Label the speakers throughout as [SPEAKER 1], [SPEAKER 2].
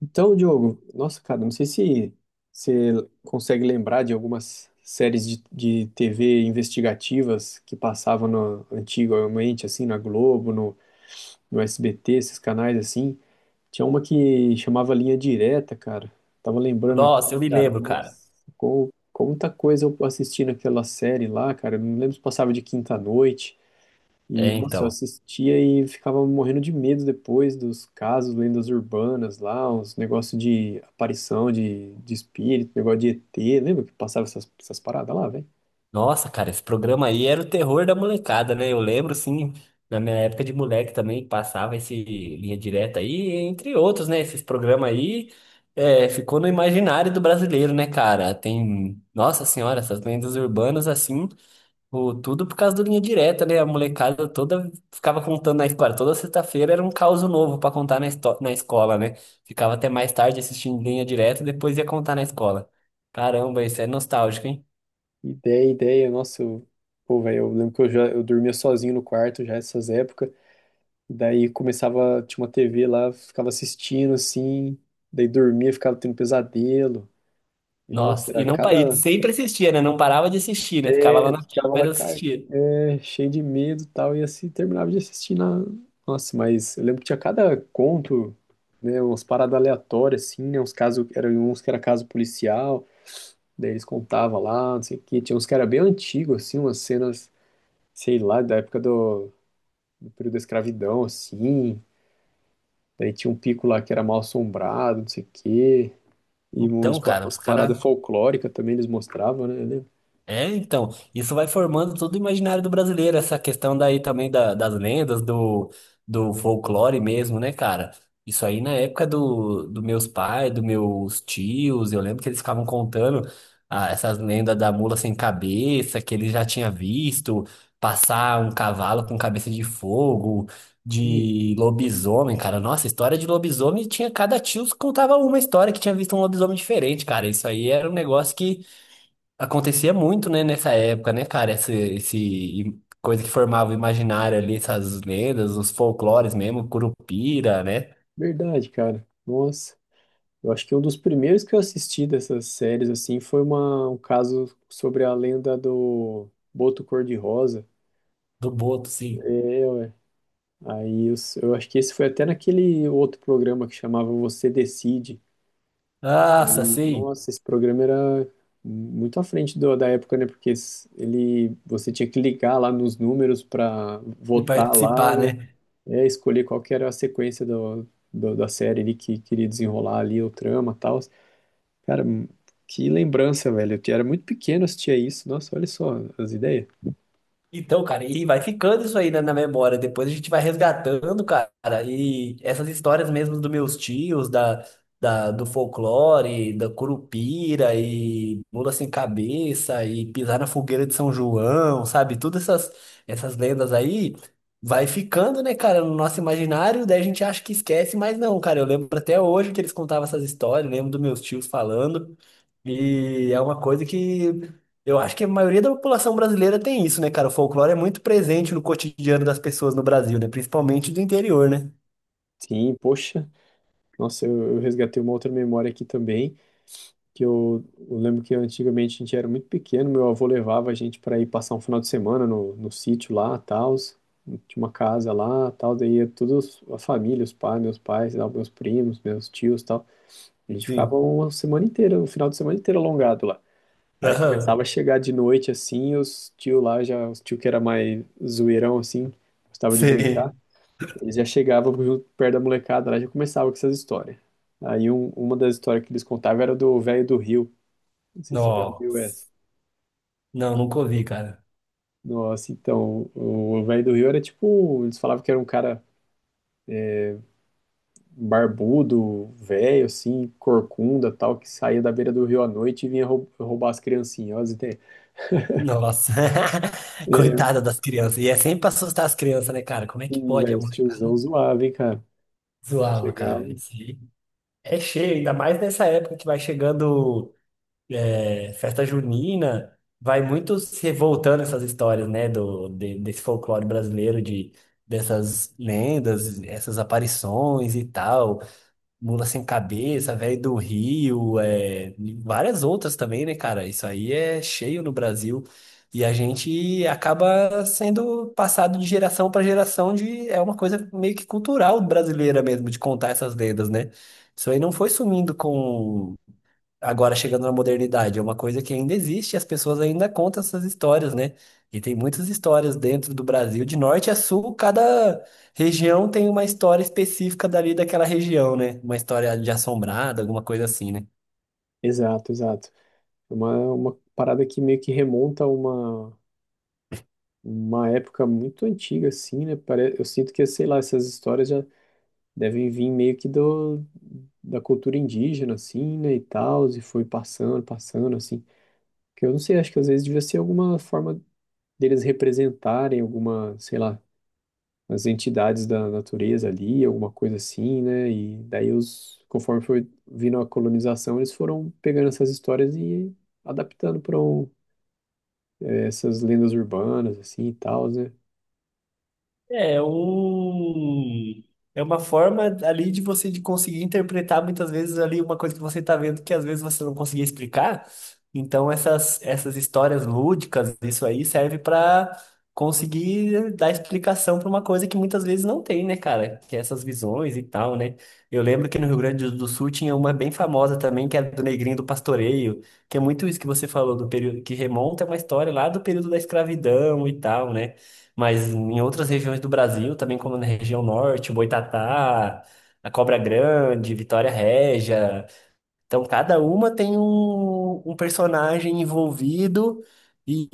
[SPEAKER 1] Então, Diogo, nossa, cara, não sei se você consegue lembrar de algumas séries de TV investigativas que passavam no- antigamente, assim, na Globo, no SBT, esses canais assim. Tinha uma que chamava Linha Direta, cara. Tava lembrando
[SPEAKER 2] Nossa, eu
[SPEAKER 1] aqui,
[SPEAKER 2] me
[SPEAKER 1] cara,
[SPEAKER 2] lembro, cara.
[SPEAKER 1] nossa, como muita coisa eu assisti naquela série lá, cara. Eu não lembro se passava de quinta à noite. E,
[SPEAKER 2] É,
[SPEAKER 1] nossa, eu
[SPEAKER 2] então.
[SPEAKER 1] assistia e ficava morrendo de medo depois dos casos, lendas urbanas lá, uns negócios de aparição de espírito, negócio de ET. Lembra que passava essas paradas lá, velho?
[SPEAKER 2] Nossa, cara, esse programa aí era o terror da molecada, né? Eu lembro, sim, na minha época de moleque também passava esse Linha Direta aí, entre outros, né? Esses programas aí é, ficou no imaginário do brasileiro, né, cara? Tem, nossa senhora, essas lendas urbanas, assim. Pô, tudo por causa do Linha Direta, né? A molecada toda ficava contando na escola. Toda sexta-feira era um caos novo pra contar na, na escola, né? Ficava até mais tarde assistindo Linha Direta, depois ia contar na escola. Caramba, isso é nostálgico, hein?
[SPEAKER 1] Ideia, ideia, nossa, eu, pô, velho, eu lembro que eu dormia sozinho no quarto já nessas épocas. Daí começava, tinha uma TV lá, ficava assistindo assim, daí dormia, ficava tendo pesadelo. E, nossa,
[SPEAKER 2] Nossa, e
[SPEAKER 1] era
[SPEAKER 2] não pa- e
[SPEAKER 1] cada.
[SPEAKER 2] sempre assistia, né? Não parava de assistir, né? Ficava lá na tela,
[SPEAKER 1] Ficava
[SPEAKER 2] mas
[SPEAKER 1] lá,
[SPEAKER 2] assistia.
[SPEAKER 1] é, cheio de medo e tal, e assim terminava de assistir na. Nossa, mas eu lembro que tinha cada conto, né? Umas paradas aleatórias, assim, né? Uns casos, eram uns que era caso policial, daí eles contavam lá, não sei o quê. Tinha uns que era bem antigo, assim, umas cenas, sei lá, da época do, do período da escravidão, assim. Daí tinha um pico lá que era mal assombrado, não sei o quê. E uns,
[SPEAKER 2] Então, cara,
[SPEAKER 1] umas
[SPEAKER 2] os caras.
[SPEAKER 1] paradas folclóricas também eles mostravam, né? Eu lembro.
[SPEAKER 2] É, então, isso vai formando todo o imaginário do brasileiro, essa questão daí também das lendas, do folclore mesmo, né, cara? Isso aí na época do meus pais, dos meus tios, eu lembro que eles ficavam contando ah, essas lendas da mula sem cabeça, que ele já tinha visto, passar um cavalo com cabeça de fogo,
[SPEAKER 1] Hum.
[SPEAKER 2] de lobisomem, cara. Nossa, história de lobisomem tinha cada tio que contava uma história que tinha visto um lobisomem diferente, cara. Isso aí era um negócio que acontecia muito, né, nessa época, né, cara? Essa esse coisa que formava o imaginário ali, essas lendas, os folclores mesmo, Curupira, né?
[SPEAKER 1] Verdade, cara. Nossa. Eu acho que um dos primeiros que eu assisti dessas séries, assim, foi uma, um caso sobre a lenda do Boto Cor-de-Rosa.
[SPEAKER 2] Do Boto, sim.
[SPEAKER 1] É. Aí eu acho que esse foi até naquele outro programa que chamava Você Decide.
[SPEAKER 2] Nossa,
[SPEAKER 1] Aí,
[SPEAKER 2] sim.
[SPEAKER 1] nossa, esse programa era muito à frente do- da época, né? Porque ele, você tinha que ligar lá nos números para
[SPEAKER 2] De
[SPEAKER 1] votar lá,
[SPEAKER 2] participar,
[SPEAKER 1] né?
[SPEAKER 2] né?
[SPEAKER 1] É, escolher qual que era a sequência do, do- da série ali que queria desenrolar ali o trama e tal. Cara, que lembrança, velho. Eu era muito pequeno, assistia isso. Nossa, olha só as ideias.
[SPEAKER 2] Então, cara, e vai ficando isso aí na memória. Depois a gente vai resgatando, cara. E essas histórias mesmo dos meus tios, da, do folclore, da curupira, e mula sem cabeça, e pisar na fogueira de São João, sabe? Todas essas, essas lendas aí vai ficando, né, cara, no nosso imaginário. Daí a gente acha que esquece, mas não, cara. Eu lembro até hoje que eles contavam essas histórias, lembro dos meus tios falando. E é uma coisa que. Eu acho que a maioria da população brasileira tem isso, né, cara? O folclore é muito presente no cotidiano das pessoas no Brasil, né? Principalmente do interior, né?
[SPEAKER 1] Sim, poxa. Nossa, eu resgatei uma outra memória aqui também, que eu lembro que antigamente a gente era muito pequeno, meu avô levava a gente para ir passar um final de semana no sítio lá, tal, tinha uma casa lá, tal, daí ia todos a família, os pais, meus pais, tal, meus primos, meus tios, tal. A gente ficava
[SPEAKER 2] Sim.
[SPEAKER 1] uma semana inteira, um final de semana inteiro alongado lá. Aí
[SPEAKER 2] Aham.
[SPEAKER 1] começava a chegar de noite assim, os tio lá já, os tio que era mais zoeirão assim, gostava de brincar,
[SPEAKER 2] Sim.
[SPEAKER 1] eles já chegavam junto perto da molecada lá, já começava com essas histórias. Aí uma das histórias que eles contavam era do velho do Rio. Não sei se você já ouviu essa.
[SPEAKER 2] Nossa. Não, nunca ouvi, cara.
[SPEAKER 1] Nossa, então, o velho do Rio era tipo, eles falavam que era um cara barbudo, velho assim, corcunda, tal, que saía da beira do rio à noite e vinha roubar as criancinhas, ó, as ideias.
[SPEAKER 2] Nossa.
[SPEAKER 1] É,
[SPEAKER 2] Coitada das crianças. E é sempre pra assustar as crianças, né, cara? Como é que
[SPEAKER 1] assim,
[SPEAKER 2] pode? É
[SPEAKER 1] velho, os tiozão
[SPEAKER 2] molecada.
[SPEAKER 1] zoava, hein, cara. Aí
[SPEAKER 2] Zoava,
[SPEAKER 1] chegava.
[SPEAKER 2] cara. Isso aí é cheio, ainda mais nessa época que vai chegando. É, festa junina, vai muito se revoltando essas histórias, né, desse folclore brasileiro, de, dessas lendas, essas aparições e tal, mula sem cabeça, velho do Rio, é, e várias outras também, né, cara? Isso aí é cheio no Brasil. E a gente acaba sendo passado de geração para geração de, é uma coisa meio que cultural brasileira mesmo, de contar essas lendas, né? Isso aí não foi sumindo com agora chegando na modernidade, é uma coisa que ainda existe, e as pessoas ainda contam essas histórias, né? E tem muitas histórias dentro do Brasil, de norte a sul, cada região tem uma história específica dali daquela região, né? Uma história de assombrada, alguma coisa assim, né?
[SPEAKER 1] Exato, exato. É uma, é uma parada que meio que remonta a uma época muito antiga, assim, né? Eu sinto que, sei lá, essas histórias já devem vir meio que do, da cultura indígena, assim, né? E tal, e foi passando, passando, assim. Que eu não sei, acho que às vezes devia ser alguma forma deles representarem alguma, sei lá, as entidades da natureza ali, alguma coisa assim, né? E daí os, conforme foi vindo a colonização, eles foram pegando essas histórias e adaptando para um essas lendas urbanas, assim, e tal, né?
[SPEAKER 2] É é um. É uma forma ali de você de conseguir interpretar muitas vezes ali uma coisa que você está vendo que às vezes você não conseguia explicar. Então essas, essas histórias lúdicas, isso aí serve para conseguir dar explicação para uma coisa que muitas vezes não tem, né, cara? Que é essas visões e tal, né? Eu lembro que no Rio Grande do Sul tinha uma bem famosa também, que era do Negrinho do Pastoreio, que é muito isso que você falou do período que remonta a uma história lá do período da escravidão e tal, né? Mas em outras regiões do Brasil, também como na região norte, Boitatá, a Cobra Grande, Vitória Régia. Então, cada uma tem um personagem envolvido e,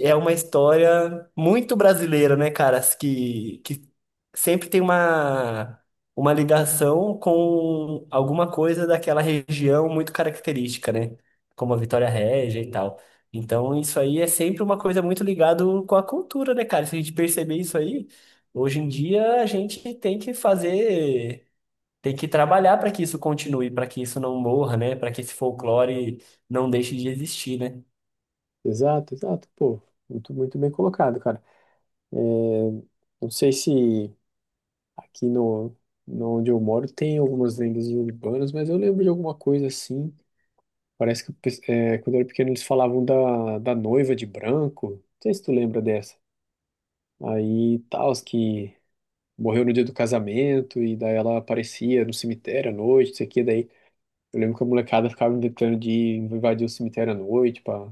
[SPEAKER 2] e é uma história muito brasileira, né, cara? Que sempre tem uma ligação com alguma coisa daquela região muito característica, né? Como a Vitória Régia e tal. Então, isso aí é sempre uma coisa muito ligada com a cultura, né, cara? Se a gente perceber isso aí, hoje em dia a gente tem que fazer tem que trabalhar para que isso continue, para que isso não morra, né? Para que esse folclore não deixe de existir, né?
[SPEAKER 1] Exato, exato, pô. Muito, muito bem colocado, cara. É. Não sei se aqui no, no onde eu moro tem algumas lendas urbanas, mas eu lembro de alguma coisa assim. Parece que é, quando eu era pequeno eles falavam da, da noiva de branco. Não sei se tu lembra dessa. Aí tal, que morreu no dia do casamento e daí ela aparecia no cemitério à noite, não sei o que. Daí eu lembro que a molecada ficava inventando de invadir o cemitério à noite pra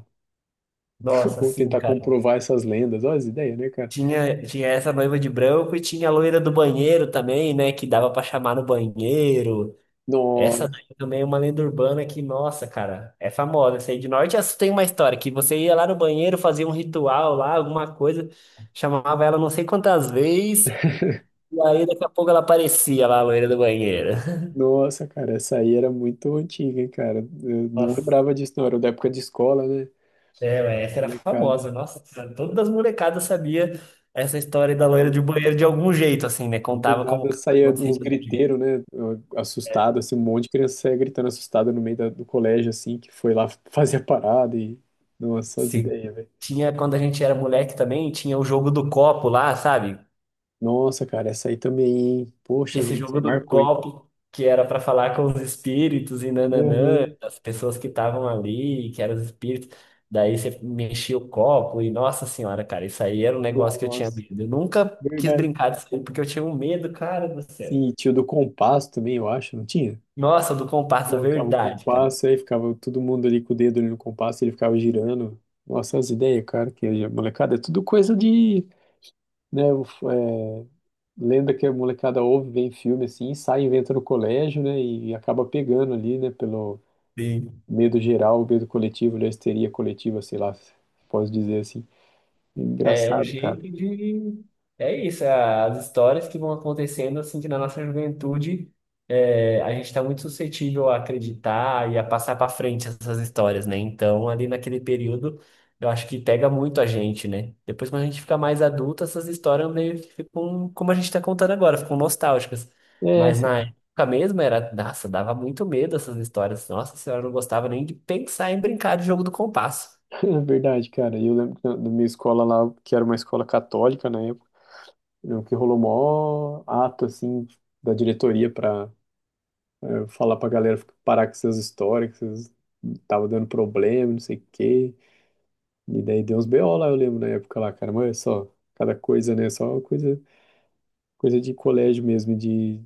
[SPEAKER 2] Nossa, sim,
[SPEAKER 1] tentar
[SPEAKER 2] cara.
[SPEAKER 1] comprovar essas lendas. Olha as ideias, né, cara?
[SPEAKER 2] Tinha, tinha essa noiva de branco e tinha a loira do banheiro também, né? Que dava para chamar no banheiro.
[SPEAKER 1] No-
[SPEAKER 2] Essa daí também é uma lenda urbana que, nossa, cara, é famosa. Essa aí de norte a sul tem uma história que você ia lá no banheiro, fazia um ritual lá, alguma coisa, chamava ela não sei quantas vezes, e aí daqui a pouco ela aparecia lá, a loira do banheiro.
[SPEAKER 1] Nossa, cara, essa aí era muito antiga, hein, cara? Eu não
[SPEAKER 2] Nossa.
[SPEAKER 1] lembrava disso, não. Era da época de escola, né?
[SPEAKER 2] É, ué, essa era
[SPEAKER 1] Molecada.
[SPEAKER 2] famosa, nossa, todas as molecadas sabia essa história da loira de
[SPEAKER 1] Uhum.
[SPEAKER 2] banheiro de algum jeito, assim, né?
[SPEAKER 1] Do
[SPEAKER 2] Contava como
[SPEAKER 1] nada
[SPEAKER 2] que
[SPEAKER 1] saía
[SPEAKER 2] acontecia.
[SPEAKER 1] uns
[SPEAKER 2] De algum jeito.
[SPEAKER 1] griteiros, né? Assustado, assim, um monte de criança saía gritando assustada no meio da- do colégio, assim, que foi lá fazer a parada e. Nossa, as
[SPEAKER 2] Sim.
[SPEAKER 1] ideias, velho.
[SPEAKER 2] Tinha, quando a gente era moleque também, tinha o jogo do copo lá, sabe?
[SPEAKER 1] Nossa, cara, essa aí também, hein? Poxa
[SPEAKER 2] Esse
[SPEAKER 1] vida, isso
[SPEAKER 2] jogo
[SPEAKER 1] aí
[SPEAKER 2] do
[SPEAKER 1] marcou, hein?
[SPEAKER 2] copo que era pra falar com os espíritos e
[SPEAKER 1] Aham.
[SPEAKER 2] nananã, as pessoas que estavam ali, que eram os espíritos. Daí você mexia o copo e, nossa senhora, cara, isso aí era um negócio que eu tinha
[SPEAKER 1] Nossa,
[SPEAKER 2] medo. Eu nunca quis
[SPEAKER 1] verdade.
[SPEAKER 2] brincar disso aí porque eu tinha um medo, cara do céu.
[SPEAKER 1] Sim, e tinha o do compasso também, eu acho, não tinha?
[SPEAKER 2] Nossa, do comparsa,
[SPEAKER 1] Colocava o
[SPEAKER 2] verdade, cara.
[SPEAKER 1] compasso, aí ficava todo mundo ali com o dedo ali no compasso, ele ficava girando. Nossa, as ideias, cara, que a molecada é tudo coisa de, né, lenda que a molecada ouve, vem em filme assim, sai e inventa no colégio, né, e acaba pegando ali, né, pelo
[SPEAKER 2] Sim.
[SPEAKER 1] medo geral, medo coletivo, ali, a histeria coletiva, sei lá, posso dizer assim.
[SPEAKER 2] É um
[SPEAKER 1] Engraçado, cara.
[SPEAKER 2] jeito de. É isso, é as histórias que vão acontecendo, assim, que na nossa juventude é, a gente está muito suscetível a acreditar e a passar para frente essas histórias, né? Então, ali naquele período, eu acho que pega muito a gente, né? Depois, quando a gente fica mais adulto, essas histórias meio que ficam como a gente está contando agora, ficam nostálgicas.
[SPEAKER 1] É,
[SPEAKER 2] Mas
[SPEAKER 1] sim.
[SPEAKER 2] na época mesmo era, nossa, dava muito medo essas histórias. Nossa senhora, eu não gostava nem de pensar em brincar de jogo do compasso.
[SPEAKER 1] É verdade, cara. E eu lembro que na, na minha escola lá, que era uma escola católica na época, eu que rolou mó ato, assim, da diretoria para eu falar pra galera parar com essas histórias, que vocês tava dando problema, não sei o quê. E daí deu uns BO lá, eu lembro na época lá, cara. Mas é só, cada coisa, né? Só coisa, coisa de colégio mesmo,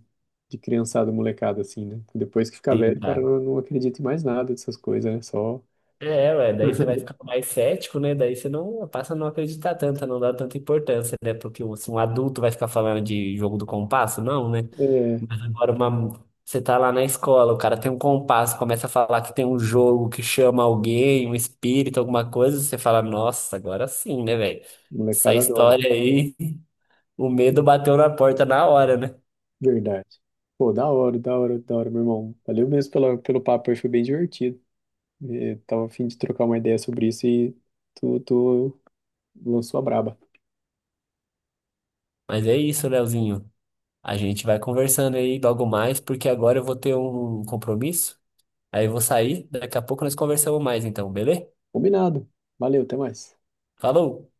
[SPEAKER 1] de criançada, molecada, assim, né? Depois que fica velho,
[SPEAKER 2] Sim,
[SPEAKER 1] o cara
[SPEAKER 2] cara.
[SPEAKER 1] não, não acredita em mais nada dessas coisas, né? Só,
[SPEAKER 2] É, ué, daí você vai ficar mais cético, né? Daí você não passa a não acreditar tanto, a não dar tanta importância, né? Porque se um adulto vai ficar falando de jogo do compasso, não, né?
[SPEAKER 1] é,
[SPEAKER 2] Mas agora uma... você tá lá na escola, o cara tem um compasso, começa a falar que tem um jogo que chama alguém, um espírito, alguma coisa, você fala, nossa, agora sim, né, velho? Essa
[SPEAKER 1] molecada adora.
[SPEAKER 2] história aí, o medo bateu na porta na hora, né?
[SPEAKER 1] Verdade. Pô, da hora, da hora, da hora, meu irmão. Valeu mesmo pela, pelo papo aí, foi bem divertido. Tava a fim de trocar uma ideia sobre isso e tu lançou a braba.
[SPEAKER 2] Mas é isso, Leozinho. A gente vai conversando aí logo mais, porque agora eu vou ter um compromisso. Aí eu vou sair, daqui a pouco nós conversamos mais então, beleza?
[SPEAKER 1] Combinado. Valeu, até mais.
[SPEAKER 2] Falou!